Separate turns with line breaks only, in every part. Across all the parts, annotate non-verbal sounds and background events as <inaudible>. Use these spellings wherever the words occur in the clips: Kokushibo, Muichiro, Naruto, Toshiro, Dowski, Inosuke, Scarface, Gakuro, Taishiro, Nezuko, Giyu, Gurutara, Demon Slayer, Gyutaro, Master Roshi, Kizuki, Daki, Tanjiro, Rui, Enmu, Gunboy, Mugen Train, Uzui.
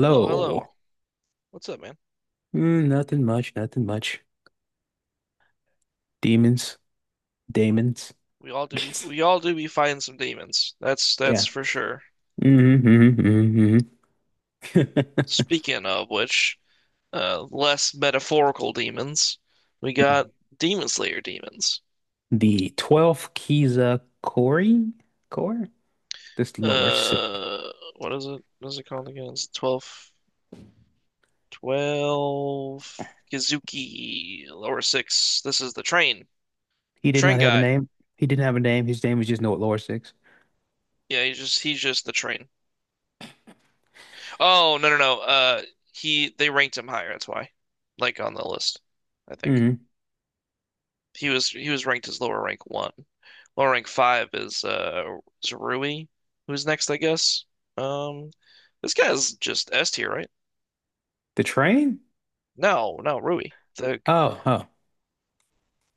Hello, hello. What's up, man?
Nothing much, nothing much. Demons, Damons.
We all do be
<laughs>
we all do be fighting some demons. That's
Yeah.
that's for sure.
hmm hmm hmm <laughs>
Speaking of which, less metaphorical demons, we got Demon Slayer demons.
The 12th Kiza Kori? Core. This Lower Six.
Uh, what is it? What is it called again? It's 12, twelve Kizuki lower six. This is
He
the
did
train
not have a
guy.
name. He didn't have a name. His name was just Note Lower six.
Yeah, he's just the train. Oh no. He they ranked him higher. That's why, like on the list, I think.
hmm
He was ranked as lower rank one. Lower rank five is Rui, who's next, I guess. Um, this guy's just S tier, right?
The train?
No, no, Rui.
Oh, huh.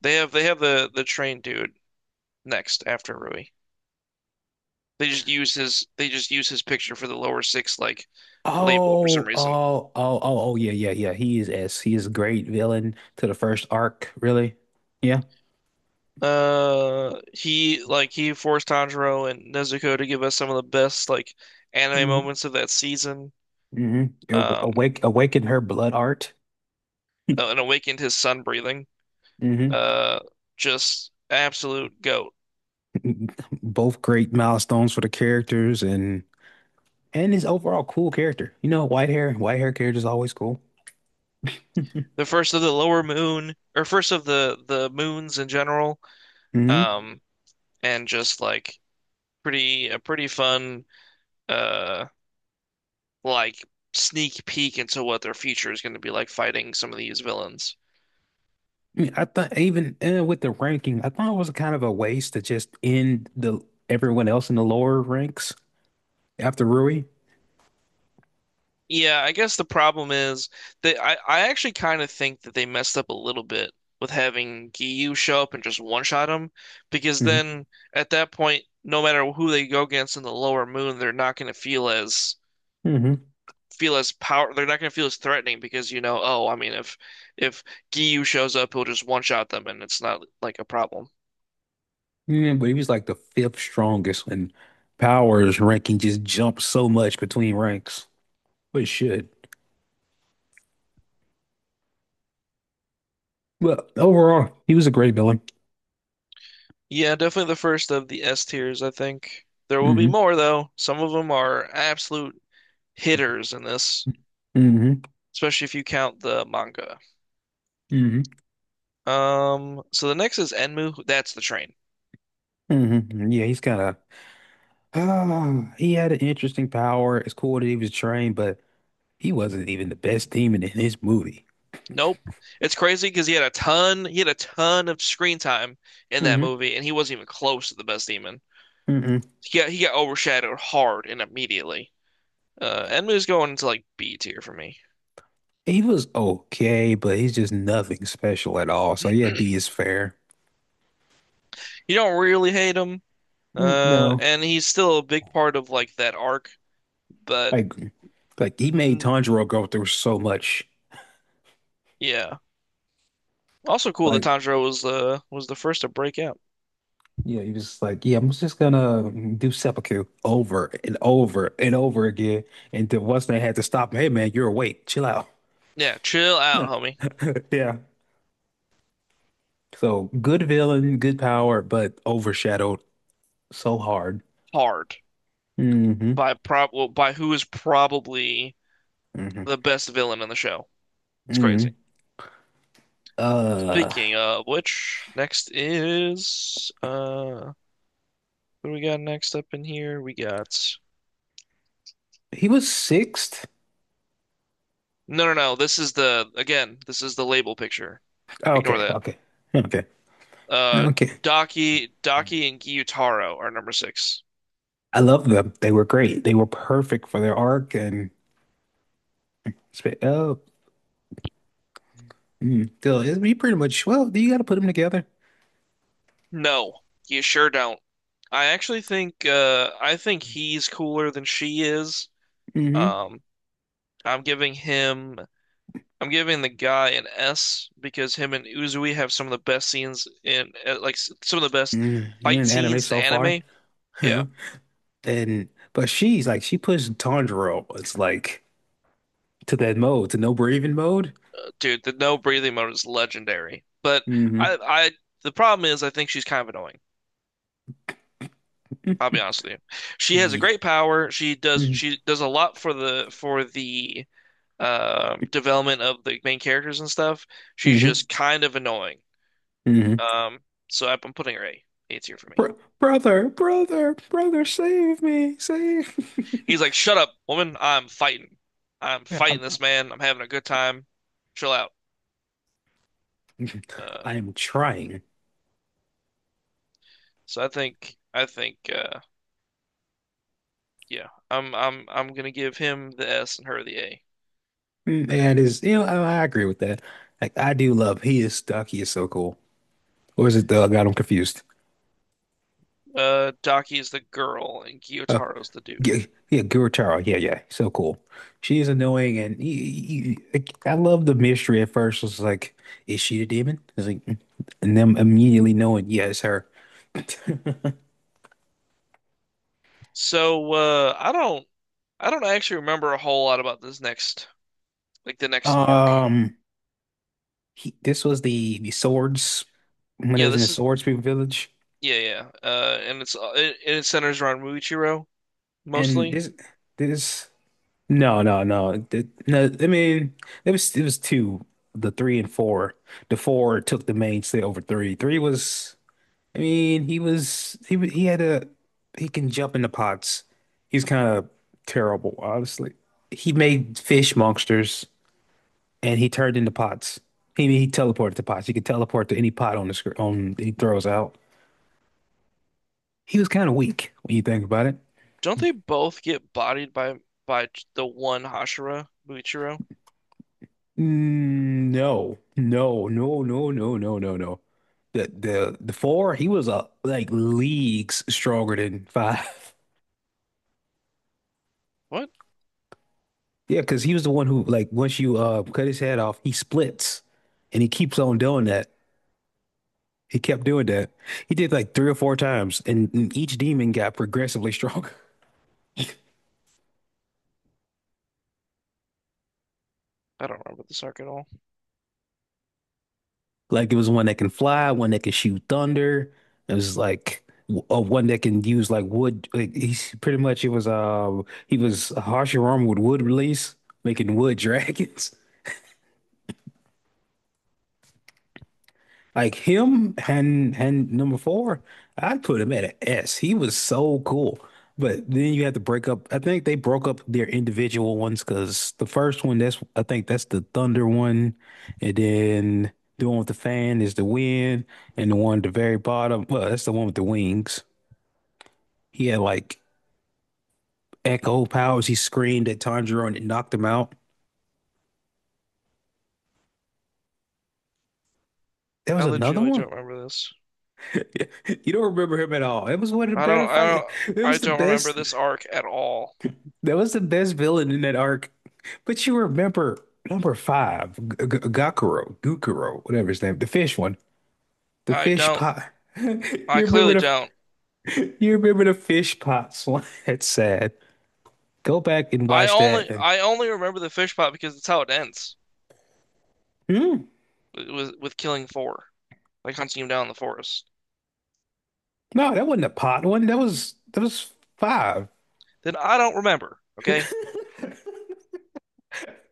they have the train dude next after Rui. They just use his picture for the lower six like label for some
Oh,
reason.
oh, oh, oh, oh, yeah, yeah, yeah. He is S. He is a great villain to the first arc, really. Yeah.
He forced Tanjiro and Nezuko to give us some of the best like anime
Mm-hmm.
moments of that season.
hmm
Um,
Awake, awaken her blood art.
and awakened his sun breathing.
hmm
Uh, just absolute goat.
<laughs> Both great milestones for the characters and his overall cool character. You know, white hair character is always cool.
The first of the lower moon, or first of the moons in general.
hmm
Um, and just like pretty a pretty fun uh like sneak peek into what their future is going to be like fighting some of these villains.
I mean, I thought even with the ranking, I thought it was kind of a waste to just end the everyone else in the lower ranks after Rui.
Yeah, I guess the problem is that I actually kind of think that they messed up a little bit with having Giyu show up and just one-shot him because
hmm
then at that point, no matter who they go against in the lower moon, they're not going to
hmm
feel as power they're not going to feel as threatening because you know, oh, I mean if Giyu shows up, he'll just one shot them and it's not like a problem.
Yeah, but he was like the fifth strongest and power's ranking just jumped so much between ranks, but it should. Well, overall, he was a great villain.
Yeah, definitely the first of the S tiers, I think. There will be
Mhm.
more though. Some of them are absolute hitters in this,
hmm
especially if you count the manga.
hmm
So the next is Enmu. That's the train.
Yeah, he's kind of, he had an interesting power. It's cool that he was trained, but he wasn't even the best demon in his movie.
Nope. It's crazy because he had a ton of screen time in that
hmm
movie, and he wasn't even close to the best demon.
hmm
He got overshadowed hard and immediately. Enmu's going into like B tier for me.
He was okay, but he's just nothing special at all. So yeah, B is fair.
You don't really hate him,
Mm, no,
and he's still a big part of like that arc.
I
But
agree. Like he made
mm,
Tanjiro go through so much.
yeah, also cool that
Like
Tanjiro was the first to break out.
yeah, he was like, yeah, I'm just gonna do seppuku over and over and over again. And then once they had to stop him, hey man, you're awake, chill out.
Yeah, chill out, homie.
<laughs> <laughs> Yeah. So good villain, good power, but overshadowed so hard.
Hard
hmm
by prob well, by who is probably
hmm
the best villain in the show. It's crazy.
hmm Uh,
Speaking of which, next is what do we got next up in here? We got
he was sixth.
no. This is the again. This is the label picture.
Oh,
Ignore
okay,
that.
okay, okay,
Uh,
okay.
Daki and Gyutaro are number six.
I love them. They were great. They were perfect for their arc and sp- oh, still, he pretty much. Well, you got to put them together.
No, you sure don't. I actually think I think he's cooler than she is.
Mm-hmm.
Um, I'm giving him I'm giving the guy an S because him and Uzui have some of the best scenes in some of the best
Mm, you're
fight
in anime
scenes in
so far,
anime. Yeah,
yeah. And but she's like she pushed Tanjiro. It's like to that mode, to no breathing mode.
dude, the no breathing mode is legendary. But
hmm
I the problem is I think she's kind of annoying. I'll be
<laughs>
honest with you. She has a
Yeah.
great power. She does a lot for the development of the main characters and stuff. She's
Mm-hmm.
just kind of annoying.
hmm
Um, so I'm putting her A. A tier for me.
brother, brother, brother, save me, save. <laughs>
He's like, "Shut up, woman. I'm fighting. I'm
Yeah, I'm,
fighting this man. I'm having a good time. Chill out." Uh,
I am trying.
so I think yeah, I'm gonna give him the S and her the A.
That is, you know, I agree with that. Like, I do love. He is stuck. He is so cool. Or is it the? I got him confused.
Daki's the girl and
Uh,
Gyotaro's the dude.
yeah, yeah, Gurutara. Yeah, yeah, so cool. She is annoying, and I love the mystery at first. It's like, is she the demon? It's like, and them immediately knowing, yeah, it's her.
So I don't actually remember a whole lot about this next like the next arc.
<laughs> Um. He this was the swords when it
Yeah,
was in the
this is
Swords Village,
yeah yeah, and it centers around Muichiro
and
mostly.
this no no no Th- no I mean it was two, the three and four. The four took the mainstay over three. Three was, I mean, he had a, he can jump into pots, he's kind of terrible honestly. He made fish monsters and he turned into pots. He teleported to pots. He could teleport to any pot on the screen on he throws out. He was kind of weak when you think about it.
Don't they both get bodied by the one Hashira Muichiro?
Mm, no, no, no, no, no, no, no, no. The four, he was like leagues stronger than five. <laughs>
What?
Yeah, because he was the one who, like, once you cut his head off, he splits, and he keeps on doing that. He kept doing that. He did like three or four times, and each demon got progressively <laughs> stronger.
I don't remember this arc at all.
Like it was one that can fly, one that can shoot thunder. It was like one that can use like wood. Like he's pretty much it was he was harshing armor with wood release, making wood <laughs> dragons. Like him and number four, I'd put him at an S. He was so cool. But then you had to break up. I think they broke up their individual ones because the first one, that's I think that's the thunder one, and then the one with the fan is the wind, and the one at the very bottom, well, that's the one with the wings. He had like echo powers. He screamed at Tanjiro and it knocked him out. There
I
was another
legitimately
one.
don't
<laughs>
remember this.
You don't remember him at all. It was one of the
I
better
don't I
fight.
don't
It
I
was the
don't remember
best.
this arc at all.
That was the best villain in that arc. But you remember number five, Gakuro, Gukuro, whatever his name, the fish one, the
I
fish
don't.
pot. <laughs>
I
You remember
clearly
the
don't.
you remember the fish pot slime. It's <laughs> sad. Go back and watch that. And-
I only remember the fish pot because that's how it ends
Hmm?
with killing four. Like hunting him down in the forest,
No, that wasn't a pot one. That was five. <laughs>
then I don't remember. Okay,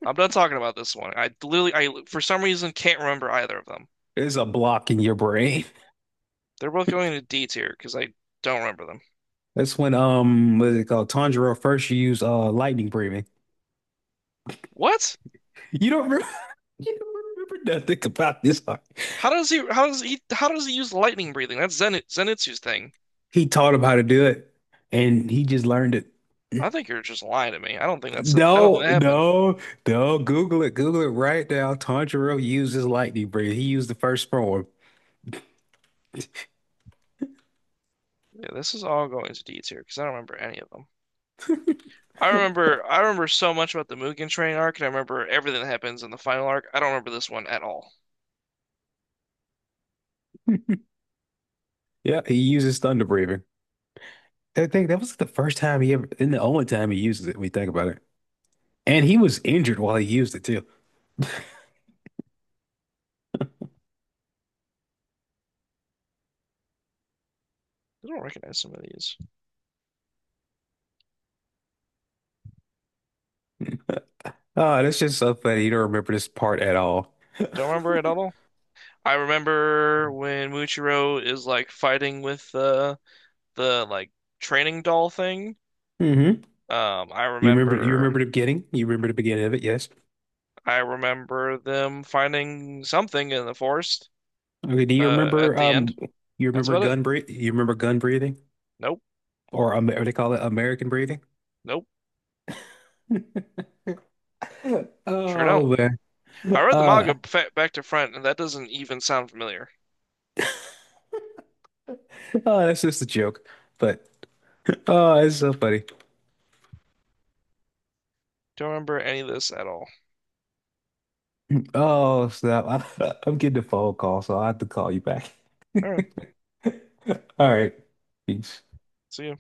I'm done talking about this one. I literally, I for some reason can't remember either of them.
There's a block in your brain.
They're both going to D tier because I don't remember them.
That's when what is it called? Tanjiro first used lightning breathing.
What?
You don't remember, <laughs> you don't remember nothing about this arc.
How does he use lightning breathing? That's Zenitsu's thing.
He taught him how to do it, and he just learned it.
I think you're just lying to me. I don't think that's. I don't think
No,
that happened.
no, no. Google it. Google it right now. Tanjiro uses lightning breathing. He used the first form.
Yeah, this is all going to D tier because I don't remember any of them. I remember so much about the Mugen Train arc, and I remember everything that happens in the final arc. I don't remember this one at all.
Yeah, he uses thunder breathing. I think that was the first time he ever, and the only time he uses it when you think about it. And he was injured while he used it too.
I don't recognize some of these.
<laughs> Oh, that's just so funny. You don't remember this part at all. <laughs>
Don't remember it at all. I remember when Muichiro is like fighting with the like training doll thing.
You
Um, I
you
remember
remember the beginning? You remember the beginning of it, yes.
I remember them finding something in the forest
Okay, do
at the end.
you
That's
remember
about it.
gun breath you remember gun breathing?
Nope.
Or what do they call it? American breathing?
Nope.
<laughs>
Sure don't.
Oh.
I read the
Uh,
manga back to front and that doesn't even sound familiar.
oh, that's just a joke, but oh, it's so funny.
Don't remember any of this at all.
Oh, snap. I'm getting a phone call, so I have to call you back.
All
<laughs>
right.
All right. Peace.
See you.